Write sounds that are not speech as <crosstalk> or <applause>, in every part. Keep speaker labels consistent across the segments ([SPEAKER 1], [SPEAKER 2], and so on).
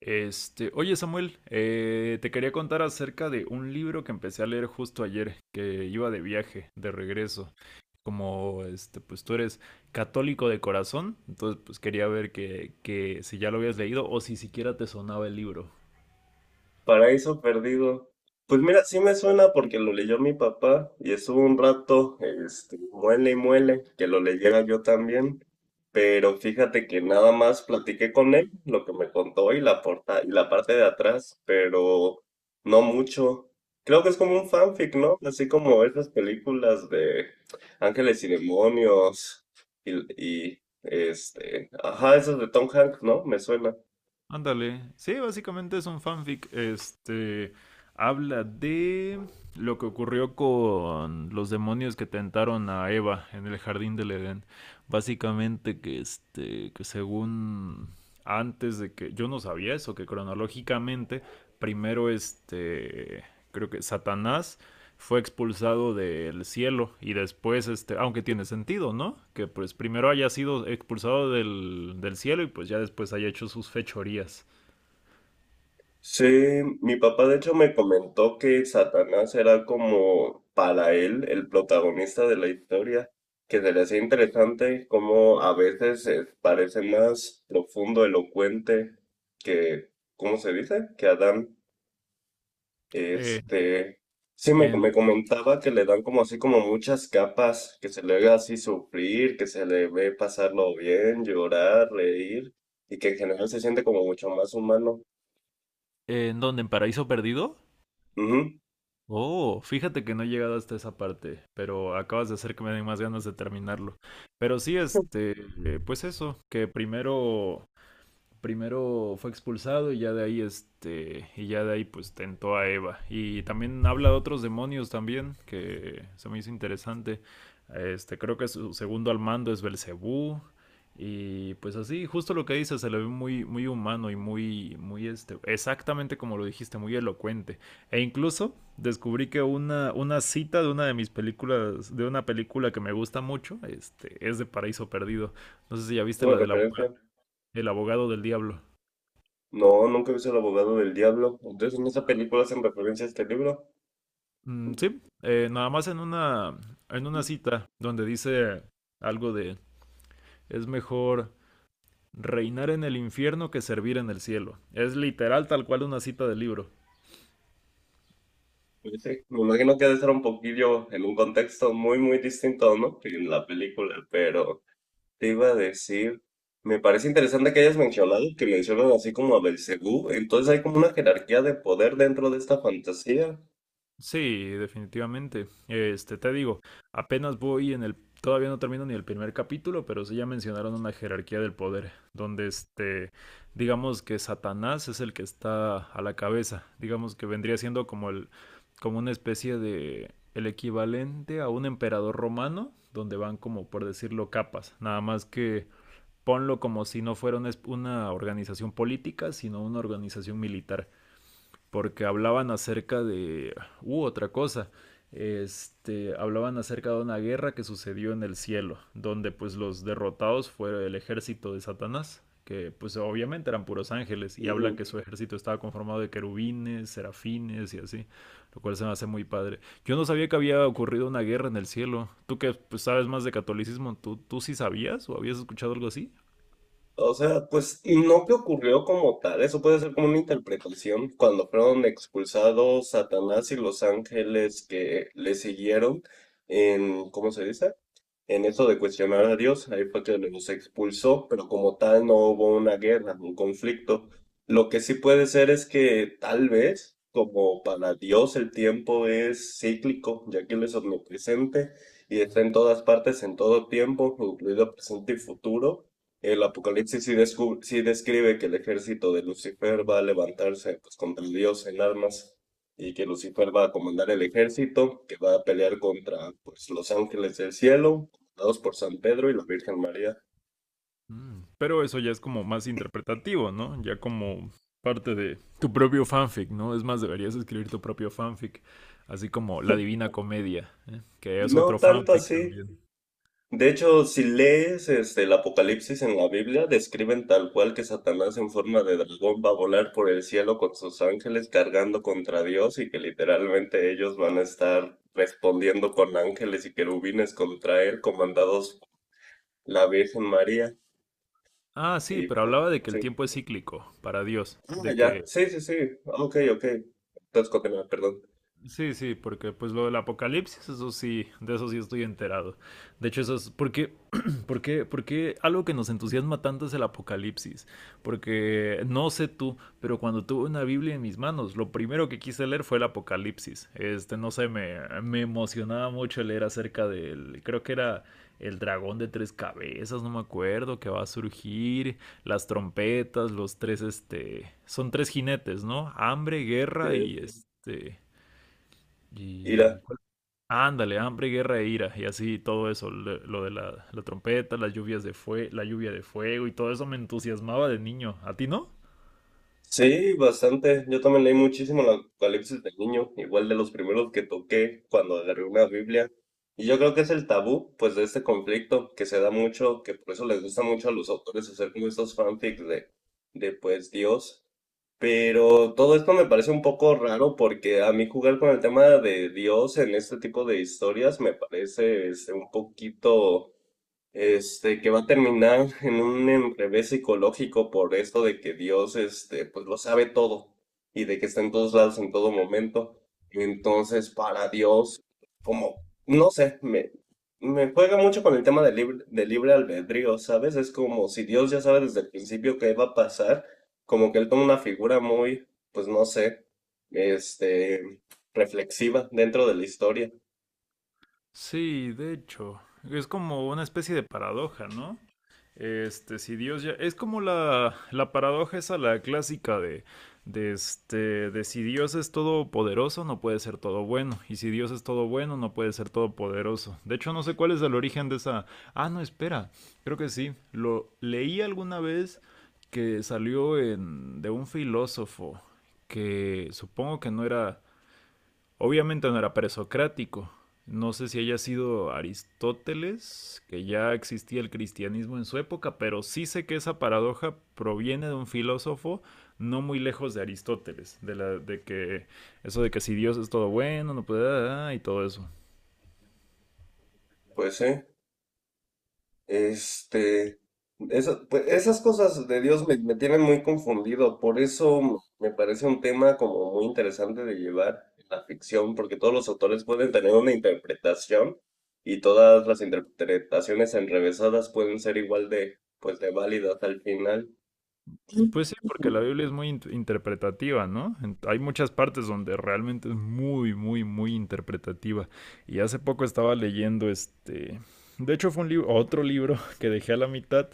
[SPEAKER 1] Oye Samuel, te quería contar acerca de un libro que empecé a leer justo ayer, que iba de viaje, de regreso. Como pues tú eres católico de corazón, entonces pues quería ver que si ya lo habías leído o si siquiera te sonaba el libro.
[SPEAKER 2] Paraíso Perdido. Pues mira, sí me suena porque lo leyó mi papá y estuvo un rato, muele y muele, que lo leyera yo también. Pero fíjate que nada más platiqué con él, lo que me contó y la porta, y la parte de atrás, pero no mucho. Creo que es como un fanfic, ¿no? Así como esas películas de Ángeles y Demonios y, ajá, esas de Tom Hanks, ¿no? Me suena.
[SPEAKER 1] Ándale. Sí, básicamente es un fanfic. Habla de lo que ocurrió con los demonios que tentaron a Eva en el jardín del Edén. Básicamente que que según antes de que yo no sabía eso, que cronológicamente primero creo que Satanás fue expulsado del cielo y después, aunque tiene sentido, ¿no? Que pues primero haya sido expulsado del cielo y pues ya después haya hecho sus fechorías.
[SPEAKER 2] Sí, mi papá de hecho me comentó que Satanás era como para él el protagonista de la historia, que se le hacía interesante cómo a veces parece más profundo, elocuente que, ¿cómo se dice? Que Adán.
[SPEAKER 1] Eh,
[SPEAKER 2] Este, sí,
[SPEAKER 1] ¿en,
[SPEAKER 2] me comentaba que le dan como así como muchas capas, que se le ve así sufrir, que se le ve pasarlo bien, llorar, reír, y que en general se siente como mucho más humano.
[SPEAKER 1] ¿En dónde? ¿En Paraíso Perdido?
[SPEAKER 2] Ujú,
[SPEAKER 1] Oh, fíjate que no he llegado hasta esa parte, pero acabas de hacer que me den más ganas de terminarlo. Pero sí, pues eso, que primero fue expulsado y ya de ahí pues tentó a Eva, y también habla de otros demonios también que se me hizo interesante. Creo que su segundo al mando es Belcebú, y pues así, justo lo que dice, se le ve muy muy humano y muy muy exactamente como lo dijiste, muy elocuente. E incluso descubrí que una cita de una de mis películas de una película que me gusta mucho es de Paraíso Perdido. No sé si ya
[SPEAKER 2] es
[SPEAKER 1] viste
[SPEAKER 2] una referencia.
[SPEAKER 1] el abogado del diablo.
[SPEAKER 2] No, nunca he visto El abogado del diablo. Entonces, ¿en esa película hacen referencia a este libro?
[SPEAKER 1] Mm, sí, nada más en una cita donde dice algo de es mejor reinar en el infierno que servir en el cielo. Es literal tal cual una cita del libro.
[SPEAKER 2] Pues sí, me imagino que debe ser un poquillo en un contexto muy, muy distinto, ¿no? Que en la película, pero te iba a decir, me parece interesante que hayas mencionado que mencionan así como a Belcebú, entonces hay como una jerarquía de poder dentro de esta fantasía.
[SPEAKER 1] Sí, definitivamente. Te digo, apenas voy todavía no termino ni el primer capítulo, pero sí ya mencionaron una jerarquía del poder, donde digamos que Satanás es el que está a la cabeza, digamos que vendría siendo como como una especie de el equivalente a un emperador romano, donde van como por decirlo capas, nada más que ponlo como si no fuera una organización política, sino una organización militar, porque hablaban acerca de... otra cosa. Hablaban acerca de una guerra que sucedió en el cielo, donde pues los derrotados fue el ejército de Satanás, que pues obviamente eran puros ángeles, y habla que su ejército estaba conformado de querubines, serafines y así, lo cual se me hace muy padre. Yo no sabía que había ocurrido una guerra en el cielo. Tú que pues sabes más de catolicismo, ¿tú sí sabías o habías escuchado algo así?
[SPEAKER 2] O sea, pues, y no que ocurrió como tal, eso puede ser como una interpretación. Cuando fueron expulsados Satanás y los ángeles que le siguieron en, ¿cómo se dice? En eso de cuestionar a Dios, ahí fue que los expulsó, pero como tal no hubo una guerra, un conflicto. Lo que sí puede ser es que tal vez, como para Dios el tiempo es cíclico, ya que Él es omnipresente y está en todas partes, en todo tiempo, incluido presente y futuro. El Apocalipsis sí, sí describe que el ejército de Lucifer va a levantarse pues, contra Dios en armas y que Lucifer va a comandar el ejército que va a pelear contra pues, los ángeles del cielo, comandados por San Pedro y la Virgen María.
[SPEAKER 1] Mm. Pero eso ya es como más interpretativo, ¿no? Ya como parte de tu propio fanfic, ¿no? Es más, deberías escribir tu propio fanfic, así como La Divina Comedia, ¿eh? Que es
[SPEAKER 2] No
[SPEAKER 1] otro
[SPEAKER 2] tanto
[SPEAKER 1] fanfic
[SPEAKER 2] así.
[SPEAKER 1] también.
[SPEAKER 2] De hecho, si lees el Apocalipsis en la Biblia, describen tal cual que Satanás en forma de dragón va a volar por el cielo con sus ángeles cargando contra Dios y que literalmente ellos van a estar respondiendo con ángeles y querubines contra él, comandados por la Virgen María.
[SPEAKER 1] Ah, sí,
[SPEAKER 2] Y
[SPEAKER 1] pero
[SPEAKER 2] pues,
[SPEAKER 1] hablaba de que el
[SPEAKER 2] sí.
[SPEAKER 1] tiempo es cíclico para Dios,
[SPEAKER 2] Ah,
[SPEAKER 1] de
[SPEAKER 2] ya.
[SPEAKER 1] que...
[SPEAKER 2] Sí, sí, sí. Ok, ok. Entonces, continúa, perdón.
[SPEAKER 1] Sí, sí, porque pues lo del apocalipsis, eso sí, de eso sí estoy enterado. De hecho, eso es porque, <clears throat> porque algo que nos entusiasma tanto es el apocalipsis. Porque no sé tú, pero cuando tuve una Biblia en mis manos, lo primero que quise leer fue el apocalipsis. No sé, me emocionaba mucho leer acerca creo que era el dragón de tres cabezas, no me acuerdo, que va a surgir, las trompetas, son tres jinetes, ¿no? Hambre, guerra y
[SPEAKER 2] Eh,
[SPEAKER 1] Y... ¿cuál? Ándale, hambre, guerra e ira, y así todo eso, lo de la trompeta, las lluvias de fue, la lluvia de fuego y todo eso me entusiasmaba de niño. ¿A ti no?
[SPEAKER 2] Sí, bastante. Yo también leí muchísimo el Apocalipsis de niño, igual de los primeros que toqué cuando agarré una Biblia. Y yo creo que es el tabú, pues, de este conflicto que se da mucho, que por eso les gusta mucho a los autores hacer como estos fanfics de pues, Dios. Pero todo esto me parece un poco raro porque a mí jugar con el tema de Dios en este tipo de historias me parece un poquito que va a terminar en un enrevés psicológico por esto de que Dios, pues lo sabe todo y de que está en todos lados en todo momento. Entonces, para Dios, como, no sé, me juega mucho con el tema del libre albedrío, ¿sabes? Es como si Dios ya sabe desde el principio qué va a pasar, como que él toma una figura muy, pues no sé, este, reflexiva dentro de la historia.
[SPEAKER 1] Sí, de hecho, es como una especie de paradoja, ¿no? Si Dios ya... Es como la paradoja esa, la clásica de, si Dios es todopoderoso, no puede ser todo bueno. Y si Dios es todo bueno, no puede ser todopoderoso. De hecho, no sé cuál es el origen de esa... Ah, no, espera. Creo que sí. Lo leí alguna vez que salió en, de un filósofo que supongo que no era... Obviamente no era presocrático. No sé si haya sido Aristóteles, que ya existía el cristianismo en su época, pero sí sé que esa paradoja proviene de un filósofo no muy lejos de Aristóteles, de que eso de que si Dios es todo bueno, no puede, y todo eso.
[SPEAKER 2] Pues sí. Este, pues, esas cosas de Dios me tienen muy confundido, por eso me parece un tema como muy interesante de llevar en la ficción, porque todos los autores pueden tener una interpretación y todas las interpretaciones enrevesadas pueden ser igual de, pues, de válidas al final.
[SPEAKER 1] Pues sí, porque la Biblia es muy interpretativa, ¿no? Hay muchas partes donde realmente es muy, muy, muy interpretativa. Y hace poco estaba leyendo de hecho fue otro libro <laughs> que dejé a la mitad,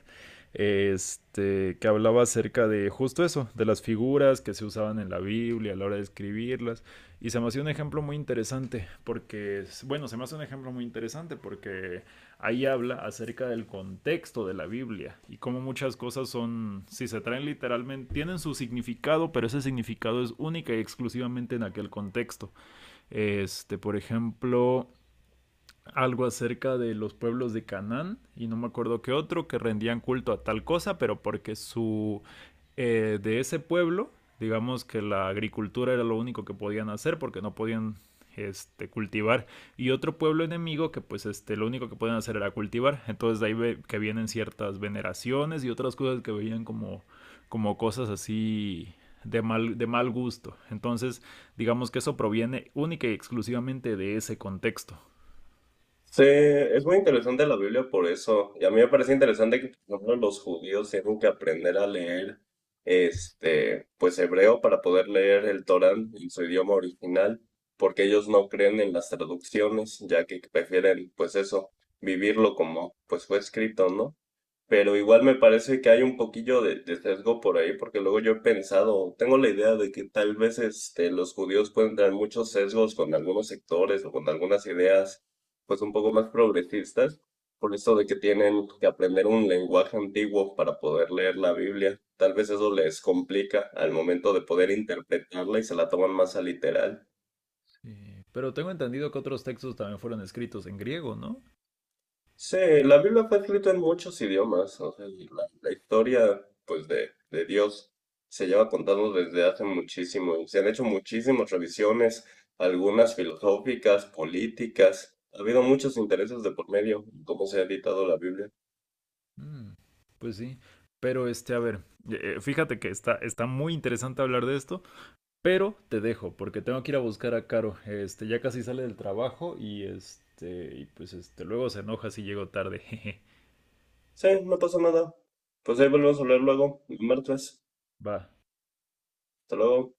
[SPEAKER 1] que hablaba acerca de justo eso, de las figuras que se usaban en la Biblia a la hora de escribirlas. Y se me hacía un ejemplo muy interesante, bueno, se me hace un ejemplo muy interesante porque ahí habla acerca del contexto de la Biblia y cómo muchas cosas son, si se traen literalmente, tienen su significado, pero ese significado es única y exclusivamente en aquel contexto. Por ejemplo, algo acerca de los pueblos de Canaán y no me acuerdo qué otro que rendían culto a tal cosa, pero porque su de ese pueblo, digamos que la agricultura era lo único que podían hacer porque no podían cultivar, y otro pueblo enemigo que pues lo único que podían hacer era cultivar, entonces de ahí ve que vienen ciertas veneraciones y otras cosas que veían como como cosas así de mal gusto. Entonces, digamos que eso proviene única y exclusivamente de ese contexto.
[SPEAKER 2] Sí, es muy interesante la Biblia por eso. Y a mí me parece interesante que, por ejemplo, los judíos tienen que aprender a leer, pues hebreo para poder leer el Torán en su idioma original, porque ellos no creen en las traducciones, ya que prefieren, pues eso, vivirlo como, pues fue escrito, ¿no? Pero igual me parece que hay un poquillo de sesgo por ahí, porque luego yo he pensado, tengo la idea de que tal vez los judíos pueden tener muchos sesgos con algunos sectores o con algunas ideas, pues un poco más progresistas, por eso de que tienen que aprender un lenguaje antiguo para poder leer la Biblia. Tal vez eso les complica al momento de poder interpretarla y se la toman más a literal.
[SPEAKER 1] Sí, pero tengo entendido que otros textos también fueron escritos en griego, ¿no?
[SPEAKER 2] Sí, la Biblia fue escrita en muchos idiomas, o sea, y la historia, pues, de Dios se lleva contando desde hace muchísimo, y se han hecho muchísimas revisiones, algunas filosóficas, políticas, ha habido muchos intereses de por medio, en cómo se ha editado la Biblia.
[SPEAKER 1] Mm, pues sí. Pero a ver, fíjate que está muy interesante hablar de esto, pero te dejo porque tengo que ir a buscar a Caro. Ya casi sale del trabajo y y pues luego se enoja si llego tarde. <laughs> Jeje.
[SPEAKER 2] Sí, no pasa nada. Pues ahí volvemos a hablar luego, el martes.
[SPEAKER 1] Va.
[SPEAKER 2] Hasta luego.